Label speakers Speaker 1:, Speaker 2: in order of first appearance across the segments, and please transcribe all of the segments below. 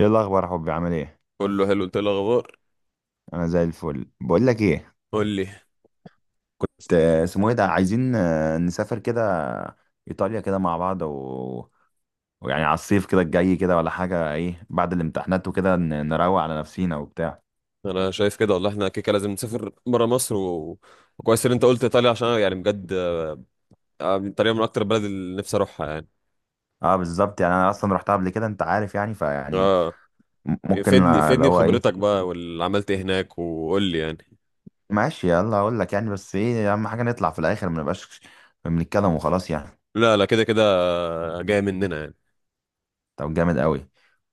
Speaker 1: ايه الاخبار يا حبي عامل ايه؟
Speaker 2: كله حلو. انت ايه الاخبار؟
Speaker 1: انا زي الفل. بقول لك ايه،
Speaker 2: قول لي.
Speaker 1: كنت اسمه ايه ده، عايزين نسافر كده ايطاليا كده مع بعض و... ويعني على الصيف كده الجاي كده ولا حاجه، ايه بعد الامتحانات وكده نروق على نفسينا وبتاع.
Speaker 2: انا شايف كده، والله احنا كده كده لازم نسافر بره مصر و. وكويس ان انت قلت ايطاليا عشان أنا يعني بجد. ايطاليا من اكتر البلد اللي نفسي اروحها يعني.
Speaker 1: اه بالظبط، يعني انا اصلا رحتها قبل كده، انت عارف يعني. فيعني
Speaker 2: اه،
Speaker 1: ممكن
Speaker 2: فدني
Speaker 1: اللي
Speaker 2: فدني
Speaker 1: هو
Speaker 2: بخبرتك
Speaker 1: ايه.
Speaker 2: بقى، واللي عملت ايه هناك، وقول لي يعني.
Speaker 1: ماشي يلا اقول لك يعني، بس ايه اهم حاجه نطلع في الاخر ما نبقاش بنتكلم وخلاص يعني.
Speaker 2: لا لا، كده كده جاي مننا يعني.
Speaker 1: طب جامد قوي.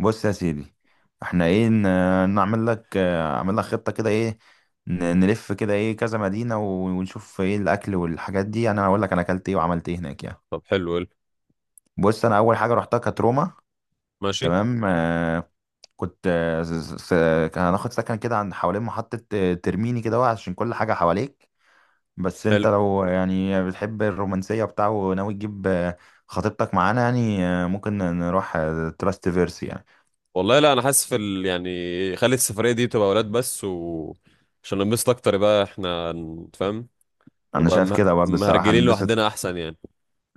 Speaker 1: بص يا سيدي، احنا ايه نعمل لك اعمل لك خطة كده، ايه نلف كده، ايه كذا مدينة ونشوف ايه الاكل والحاجات دي. انا هقول لك انا اكلت ايه وعملت ايه هناك يعني.
Speaker 2: طب حلو، قول.
Speaker 1: بص انا اول حاجة رحتها كانت روما.
Speaker 2: ماشي.
Speaker 1: تمام كنت كان هناخد سكن كده عند حوالين محطة ترميني كده اهو، عشان كل حاجة حواليك. بس انت
Speaker 2: حلو
Speaker 1: لو يعني بتحب الرومانسية بتاعه وناوي تجيب خطيبتك معانا يعني، ممكن نروح تراست فيرسي يعني.
Speaker 2: والله. لا انا حاسس يعني، خلي السفريه دي تبقى ولاد بس و عشان ننبسط اكتر، يبقى احنا فاهم.
Speaker 1: انا
Speaker 2: نبقى
Speaker 1: شايف كده برضه الصراحه
Speaker 2: مهرجلين
Speaker 1: هنبسط.
Speaker 2: لوحدنا احسن يعني.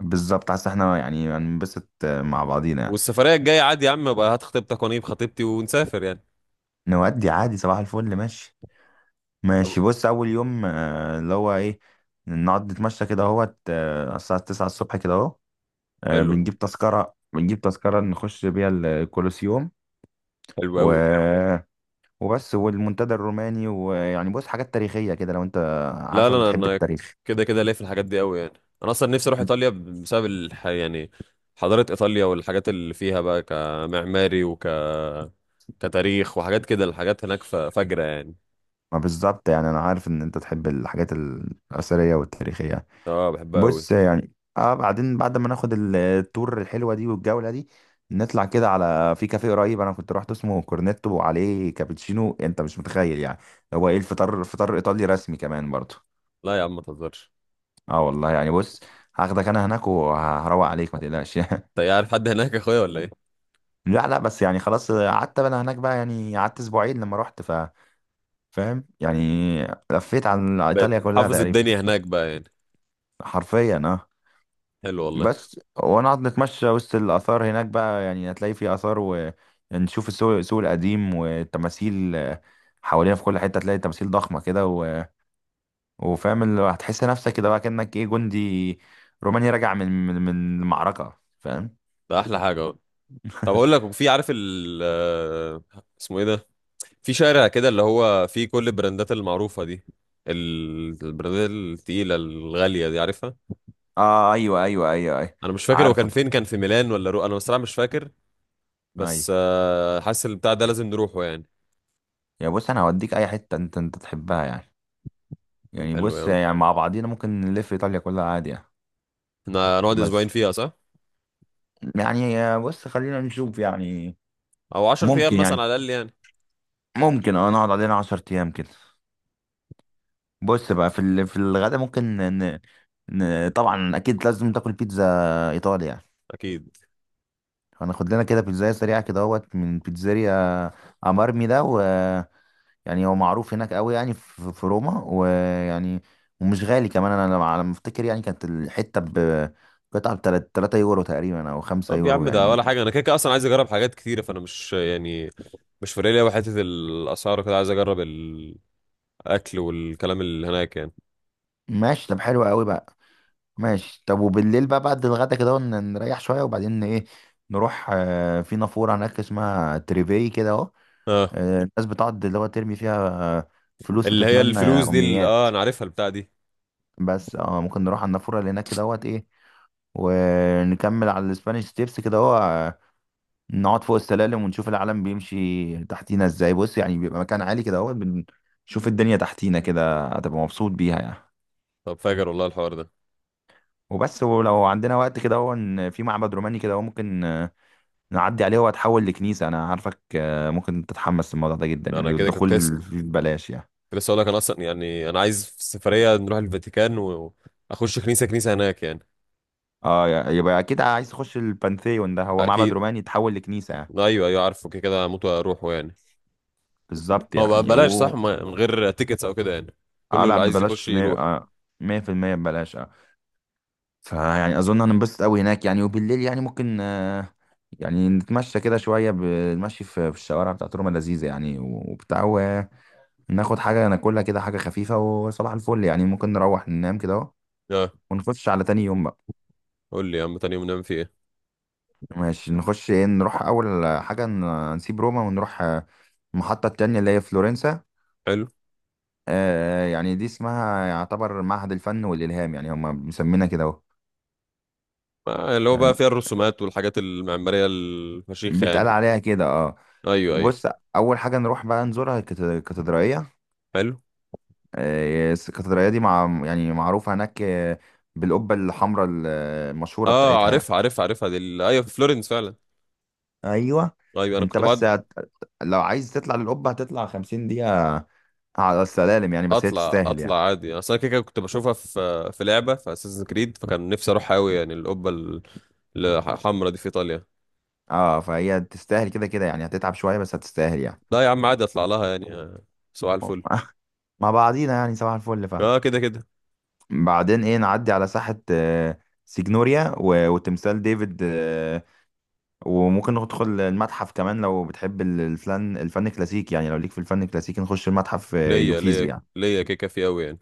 Speaker 1: بالظبط، حاسس احنا يعني هنبسط مع بعضينا يعني.
Speaker 2: والسفرية الجاية عادي يا عم بقى، هات خطيبتك وانا اجيب خطيبتي ونسافر يعني.
Speaker 1: نودي عادي، صباح الفل ماشي. ماشي
Speaker 2: طب
Speaker 1: بص، اول يوم اللي هو ايه، نقعد نتمشى كده اهوت الساعه 9 الصبح كده اهو.
Speaker 2: حلو.
Speaker 1: بنجيب تذكره، بنجيب تذكره، نخش بيها الكولوسيوم.
Speaker 2: حلو قوي.
Speaker 1: و وبس والمنتدى الروماني. ويعني بص حاجات تاريخيه كده، لو انت
Speaker 2: لا لا
Speaker 1: عارفك
Speaker 2: لا،
Speaker 1: بتحب
Speaker 2: انا
Speaker 1: التاريخ.
Speaker 2: كده كده ليا في الحاجات دي قوي يعني. انا اصلا نفسي اروح ايطاليا بسبب يعني، حضارة ايطاليا والحاجات اللي فيها بقى كمعماري كتاريخ وحاجات كده، الحاجات هناك فجرة يعني.
Speaker 1: ما بالظبط يعني، انا عارف ان انت تحب الحاجات الاثريه والتاريخيه.
Speaker 2: اه، بحبها قوي.
Speaker 1: بص يعني، اه بعدين بعد ما ناخد التور الحلوه دي والجوله دي، نطلع كده على في كافيه قريب انا كنت رحت، اسمه كورنيتو وعليه كابتشينو، انت مش متخيل يعني. هو ايه الفطار، فطار ايطالي رسمي كمان برضه.
Speaker 2: لا يا عم ما تهزرش.
Speaker 1: اه والله يعني، بص هاخدك انا هناك وهروق عليك، ما تقلقش.
Speaker 2: انت إيه، عارف حد هناك يا اخويا ولا ايه؟
Speaker 1: لا لا، بس يعني خلاص قعدت انا هناك بقى يعني، قعدت اسبوعين لما رحت. ف فاهم يعني، لفيت عن
Speaker 2: بقيت
Speaker 1: ايطاليا كلها
Speaker 2: حافظ
Speaker 1: تقريبا.
Speaker 2: الدنيا هناك بقى يعني.
Speaker 1: حرفيا اه.
Speaker 2: حلو والله.
Speaker 1: بس ونقعد نتمشى وسط الآثار هناك بقى يعني، هتلاقي في آثار ونشوف السوق السوق القديم والتماثيل حوالينا في كل حتة، هتلاقي تماثيل ضخمة كده وفاهم اللي هو، هتحس نفسك كده بقى كأنك ايه جندي روماني راجع من المعركة، فاهم.
Speaker 2: ده احلى حاجة اهو. طب اقول لك، في عارف ال آه، اسمه ايه ده، في شارع كده اللي هو فيه كل البراندات المعروفة دي، البراندات التقيلة الغالية دي، عارفها؟
Speaker 1: اه ايوه ايوه ايوه ايوه،
Speaker 2: انا مش فاكر هو
Speaker 1: عارفه
Speaker 2: كان
Speaker 1: ده.
Speaker 2: فين، كان في ميلان ولا انا بصراحة مش فاكر.
Speaker 1: ايوه
Speaker 2: بس حاسس البتاع ده لازم نروحه يعني.
Speaker 1: يا بص، انا هوديك اي حتة انت انت تحبها يعني.
Speaker 2: طب
Speaker 1: يعني
Speaker 2: حلو يا
Speaker 1: بص
Speaker 2: عم،
Speaker 1: يعني، مع بعضينا ممكن نلف ايطاليا كلها عادي يعني.
Speaker 2: احنا هنقعد اسبوعين
Speaker 1: بس
Speaker 2: فيها صح؟
Speaker 1: يعني بص، خلينا نشوف يعني.
Speaker 2: او 10 ايام
Speaker 1: ممكن يعني،
Speaker 2: مثلا على الاقل يعني.
Speaker 1: ممكن اه نقعد علينا عشر ايام كده. بص بقى في ال... في الغدا ممكن ن... ن... طبعا اكيد لازم تاكل بيتزا ايطالي يعني.
Speaker 2: اكيد.
Speaker 1: هناخد لنا كده بيتزاية سريعة كده اهوت من بيتزاريا امارمي ده، ويعني هو معروف هناك قوي يعني في, في روما ويعني ومش غالي كمان. انا على ما افتكر يعني، كانت الحتة ب قطعة ب 3 يورو تقريبا او 5
Speaker 2: طب يا
Speaker 1: يورو
Speaker 2: عم ده
Speaker 1: يعني.
Speaker 2: ولا حاجة، انا كده كده اصلا عايز اجرب حاجات كتيرة، فانا مش يعني مش فارق لي أوي حتة الاسعار، كده عايز اجرب الاكل والكلام اللي هناك يعني.
Speaker 1: ماشي طب حلو قوي بقى. ماشي طب، وبالليل بقى بعد الغدا كده ون- نريح شوية وبعدين ايه، نروح في نافورة هناك اسمها تريفي كده اهو.
Speaker 2: اه،
Speaker 1: الناس بتقعد اللي هو ترمي فيها فلوس
Speaker 2: اللي هي
Speaker 1: وتتمنى
Speaker 2: الفلوس دي اللي...
Speaker 1: أمنيات.
Speaker 2: اه انا عارفها البتاع دي.
Speaker 1: بس اه ممكن نروح على النافورة اللي هناك كده اهوت ايه، ونكمل على الاسبانيش ستيبس كده اهو. نقعد فوق السلالم ونشوف العالم بيمشي تحتينا ازاي. بص يعني بيبقى مكان عالي كده اهو، بنشوف الدنيا تحتينا كده، هتبقى مبسوط بيها يعني.
Speaker 2: طب فاجر والله الحوار ده.
Speaker 1: وبس، ولو عندنا وقت كده اهو، إن في معبد روماني كده اهو ممكن نعدي عليه، وهتحول لكنيسة. أنا عارفك ممكن تتحمس للموضوع ده جدا
Speaker 2: انا
Speaker 1: يعني،
Speaker 2: كده كنت لسه
Speaker 1: الدخول فيه ببلاش يعني.
Speaker 2: كنت لسه اقول لك، انا اصلا يعني انا عايز في السفريه نروح الفاتيكان واخش كنيسه كنيسه هناك يعني.
Speaker 1: اه يا- يبقى أكيد عايز تخش البانثيون، ده هو معبد
Speaker 2: اكيد.
Speaker 1: روماني يتحول لكنيسة يعني.
Speaker 2: ايوه ايوه، عارفه كده كده هموت واروحه يعني.
Speaker 1: بالظبط
Speaker 2: هو بقى
Speaker 1: يعني
Speaker 2: بلاش
Speaker 1: و
Speaker 2: صح، من غير تيكتس او كده يعني،
Speaker 1: اه،
Speaker 2: كله
Speaker 1: لا
Speaker 2: اللي عايز يخش
Speaker 1: ببلاش مية
Speaker 2: يروح.
Speaker 1: مية في المية ببلاش اه. فيعني أظن هننبسط أوي هناك يعني. وبالليل يعني ممكن يعني نتمشى كده شوية، بنمشي في في الشوارع بتاعت روما لذيذة يعني وبتاع، وناخد حاجة ناكلها كده حاجة خفيفة، وصباح الفل يعني ممكن نروح ننام كده أهو،
Speaker 2: اه.
Speaker 1: ونخش على تاني يوم بقى.
Speaker 2: قول لي يا عم، تاني يوم نعمل فيه ايه؟
Speaker 1: ماشي نخش ايه، نروح اول حاجه نسيب روما ونروح المحطه التانية اللي هي فلورنسا.
Speaker 2: حلو.
Speaker 1: آه يعني دي اسمها يعتبر معهد الفن والالهام يعني، هم مسمينها كده اهو
Speaker 2: اللي هو بقى
Speaker 1: يعني،
Speaker 2: فيها الرسومات والحاجات المعماريه الفشيخه يعني.
Speaker 1: بيتقال عليها كده اه.
Speaker 2: ايوه ايوه.
Speaker 1: بص اول حاجه نروح بقى نزورها، الكاتدرائيه.
Speaker 2: حلو.
Speaker 1: الكاتدرائيه دي مع يعني معروفه هناك بالقبه الحمراء المشهوره
Speaker 2: اه
Speaker 1: بتاعتها يعني.
Speaker 2: عارف عارف عارفها عارفها دي ايوه، في فلورنس فعلا.
Speaker 1: ايوه
Speaker 2: ايوه انا
Speaker 1: انت
Speaker 2: كنت
Speaker 1: بس
Speaker 2: بقعد.
Speaker 1: هت... لو عايز تطلع للقبه هتطلع 50 دقيقه على السلالم يعني، بس هي
Speaker 2: اطلع
Speaker 1: تستاهل يعني.
Speaker 2: اطلع عادي، اصل انا كده كده كنت بشوفها في لعبه في اساسن كريد، فكان نفسي اروح قوي يعني القبه الحمراء دي في ايطاليا.
Speaker 1: اه فهي تستاهل كده كده يعني، هتتعب شوية بس هتستاهل يعني.
Speaker 2: لا يا عم عادي اطلع لها يعني. سؤال الفل.
Speaker 1: مع بعضينا يعني صباح الفل. ف
Speaker 2: اه كده كده.
Speaker 1: بعدين ايه، نعدي على ساحة سيجنوريا و وتمثال ديفيد وممكن ندخل المتحف كمان لو بتحب الفن الفن الكلاسيكي يعني، لو ليك في الفن الكلاسيكي نخش المتحف
Speaker 2: ليا
Speaker 1: يوفيزي
Speaker 2: ليا
Speaker 1: يعني.
Speaker 2: ليا كيكه فيه قوي يعني.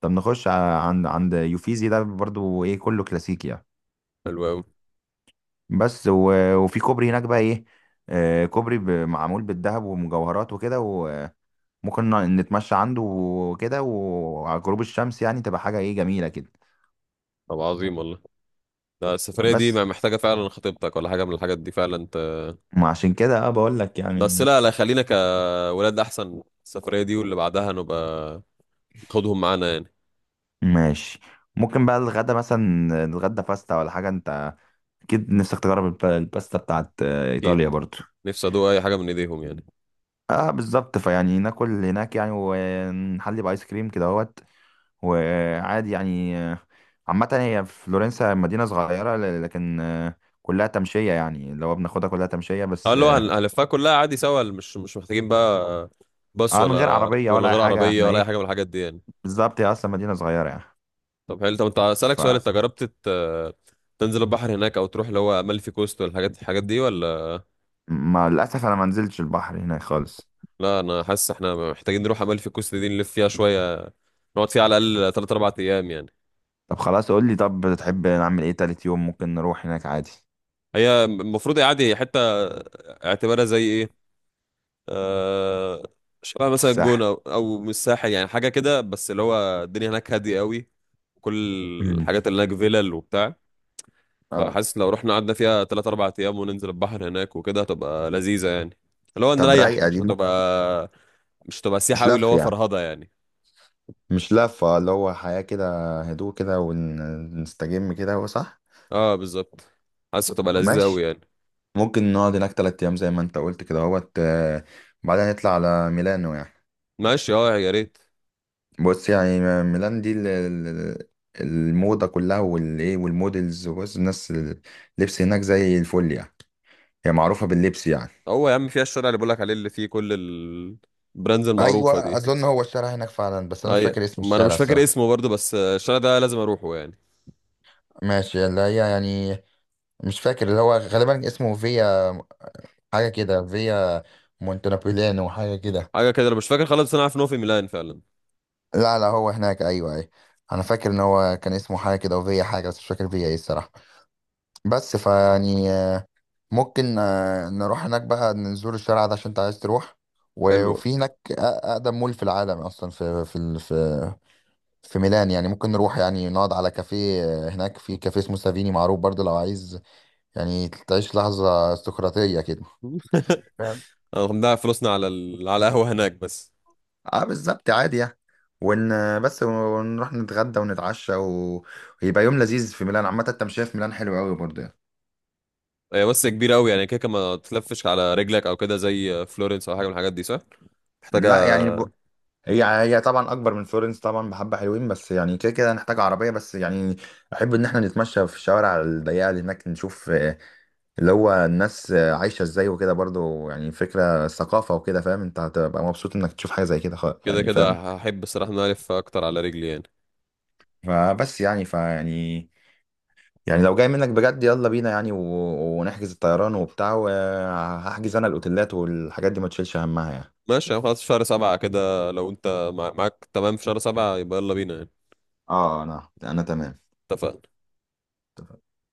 Speaker 1: طب نخش عند عند يوفيزي ده برضو ايه، كله كلاسيكي يعني.
Speaker 2: حلو قوي.
Speaker 1: بس وفي كوبري هناك بقى ايه كوبري معمول بالذهب ومجوهرات وكده، ممكن نتمشى عنده وكده، وعلى غروب الشمس يعني تبقى حاجة ايه جميلة كده.
Speaker 2: طب عظيم والله. لا السفريه دي ما
Speaker 1: بس
Speaker 2: محتاجه فعلا خطيبتك ولا حاجه من الحاجات دي فعلا انت.
Speaker 1: ما عشان كده اه بقول لك
Speaker 2: بس
Speaker 1: يعني.
Speaker 2: لا لا، خلينا كولاد احسن، السفريه دي واللي بعدها نبقى ناخدهم معانا يعني.
Speaker 1: ماشي ممكن بقى الغدا مثلا نتغدى باستا ولا حاجة، انت اكيد نفسك تجرب الباستا بتاعت ايطاليا
Speaker 2: اكيد.
Speaker 1: برضو.
Speaker 2: نفسي ادوق اي حاجه من ايديهم يعني.
Speaker 1: اه بالظبط، فيعني ناكل هناك يعني ونحلي بايس كريم كده اهوت، وعادي يعني. عامة هي فلورنسا مدينة صغيرة لكن كلها تمشية يعني، لو بناخدها كلها تمشية
Speaker 2: اه،
Speaker 1: بس
Speaker 2: اللي هو
Speaker 1: اه.
Speaker 2: هنلفها كلها عادي سوا، مش محتاجين بقى، بس
Speaker 1: من غير
Speaker 2: ولا
Speaker 1: عربية
Speaker 2: ولا
Speaker 1: ولا أي
Speaker 2: غير
Speaker 1: حاجة
Speaker 2: عربية
Speaker 1: احنا
Speaker 2: ولا أي
Speaker 1: ايه،
Speaker 2: حاجة من الحاجات دي يعني.
Speaker 1: بالظبط هي اصلا مدينه صغيره يعني.
Speaker 2: طب حلو. طب أنت، أسألك سؤال، أنت جربت تنزل البحر هناك أو تروح اللي هو أمالفي كوست والحاجات دي ولا؟
Speaker 1: فمع للاسف انا ما نزلتش البحر هناك خالص.
Speaker 2: لا أنا حاسس إحنا محتاجين نروح أمالفي كوست دي، نلف فيها شوية، نقعد فيها على الأقل 3 4 أيام يعني.
Speaker 1: طب خلاص قول لي، طب تحب نعمل ايه تالت يوم، ممكن نروح هناك عادي.
Speaker 2: هي المفروض هي عادي حتة، اعتبارها زي إيه، آه، شبه مثلا الجونة
Speaker 1: الساحل.
Speaker 2: أو من الساحل يعني، حاجة كده، بس اللي هو الدنيا هناك هادية قوي، كل
Speaker 1: مم.
Speaker 2: الحاجات اللي هناك فيلل وبتاع.
Speaker 1: اه
Speaker 2: فحاسس لو رحنا قعدنا فيها 3 4 أيام وننزل البحر هناك وكده هتبقى لذيذة يعني، اللي هو
Speaker 1: طب
Speaker 2: نريح،
Speaker 1: رايقه
Speaker 2: مش
Speaker 1: دي ممكن.
Speaker 2: هتبقى مش هتبقى سياحة
Speaker 1: مش
Speaker 2: أوي اللي
Speaker 1: لف
Speaker 2: هو
Speaker 1: يعني،
Speaker 2: فرهضة يعني.
Speaker 1: مش لفه، اللي هو حياه كده، هدوء كده ونستجم كده، هو صح.
Speaker 2: اه بالظبط. حاسس هتبقى لذيذة أوي
Speaker 1: ماشي،
Speaker 2: يعني.
Speaker 1: ممكن نقعد هناك تلات ايام زي ما انت قلت كده اهوت بعدها نطلع على ميلانو يعني.
Speaker 2: ماشي اه يا ريت.
Speaker 1: بص يعني ميلان دي الموضة كلها والايه والمودلز، وبص الناس اللبس هناك زي الفل يعني، هي معروفة باللبس يعني.
Speaker 2: هو يا عم فيها الشارع اللي بقولك عليه اللي فيه كل البراندز المعروفة
Speaker 1: ايوه
Speaker 2: دي.
Speaker 1: اظن هو الشارع هناك فعلا، بس انا مش
Speaker 2: أيوة،
Speaker 1: فاكر اسم
Speaker 2: ما أنا
Speaker 1: الشارع
Speaker 2: مش فاكر
Speaker 1: الصراحة.
Speaker 2: اسمه برضه، بس الشارع ده لازم أروحه يعني.
Speaker 1: ماشي اللي هي يعني، مش فاكر اللي هو غالبا اسمه فيا حاجة كده، فيا مونتنابوليانو حاجة كده.
Speaker 2: حاجة كده، أنا مش فاكر خالص، بس أنا عارف إن هو في ميلان فعلا.
Speaker 1: لا لا هو هناك ايوه ايوه، انا فاكر ان هو كان اسمه حاجة كده وفيا حاجة، بس مش فاكر فيا ايه الصراحة. بس فيعني ممكن نروح هناك بقى نزور الشارع ده عشان انت عايز تروح.
Speaker 2: حلو.
Speaker 1: وفي هناك اقدم مول في العالم اصلا، في في في في ميلان يعني، ممكن نروح يعني نقعد على كافيه هناك في كافيه اسمه سافيني معروف برضه، لو عايز يعني تعيش لحظة استقراطية كده، فاهم.
Speaker 2: هنضيع فلوسنا على قهوة هناك بس.
Speaker 1: اه بالظبط عادي يعني. ون بس ونروح نتغدى ونتعشى و... ويبقى يوم لذيذ في ميلان. عامة التمشية في ميلان حلوة قوي برضه يعني.
Speaker 2: هي بس كبيرة أوي يعني كده كده ما تلفش على رجلك، أو كده زي فلورنس أو حاجة من الحاجات دي صح؟ محتاجة.
Speaker 1: لا يعني، هي طبعا اكبر من فلورنس طبعا، بحبه حلوين، بس يعني كده كده هنحتاج عربيه بس يعني. احب ان احنا نتمشى في الشوارع الضيقه اللي هناك نشوف اللي هو الناس عايشه ازاي وكده برضو يعني، فكره ثقافه وكده، فاهم انت، هتبقى مبسوط انك تشوف حاجه زي كده. خ-
Speaker 2: كده
Speaker 1: يعني
Speaker 2: كده
Speaker 1: فاهم.
Speaker 2: هحب الصراحة إن أنا ألف أكتر على رجلي يعني.
Speaker 1: فبس يعني فيعني، يعني لو جاي منك بجد يلا بينا يعني، ونحجز الطيران وبتاع، وهحجز انا الاوتيلات والحاجات دي ما تشيلش همها يعني.
Speaker 2: ماشي يعني، خلاص شهر 7، كده لو أنت معاك تمام في شهر 7، يبقى يلا بينا يعني.
Speaker 1: اه انا انا تمام.
Speaker 2: اتفقنا.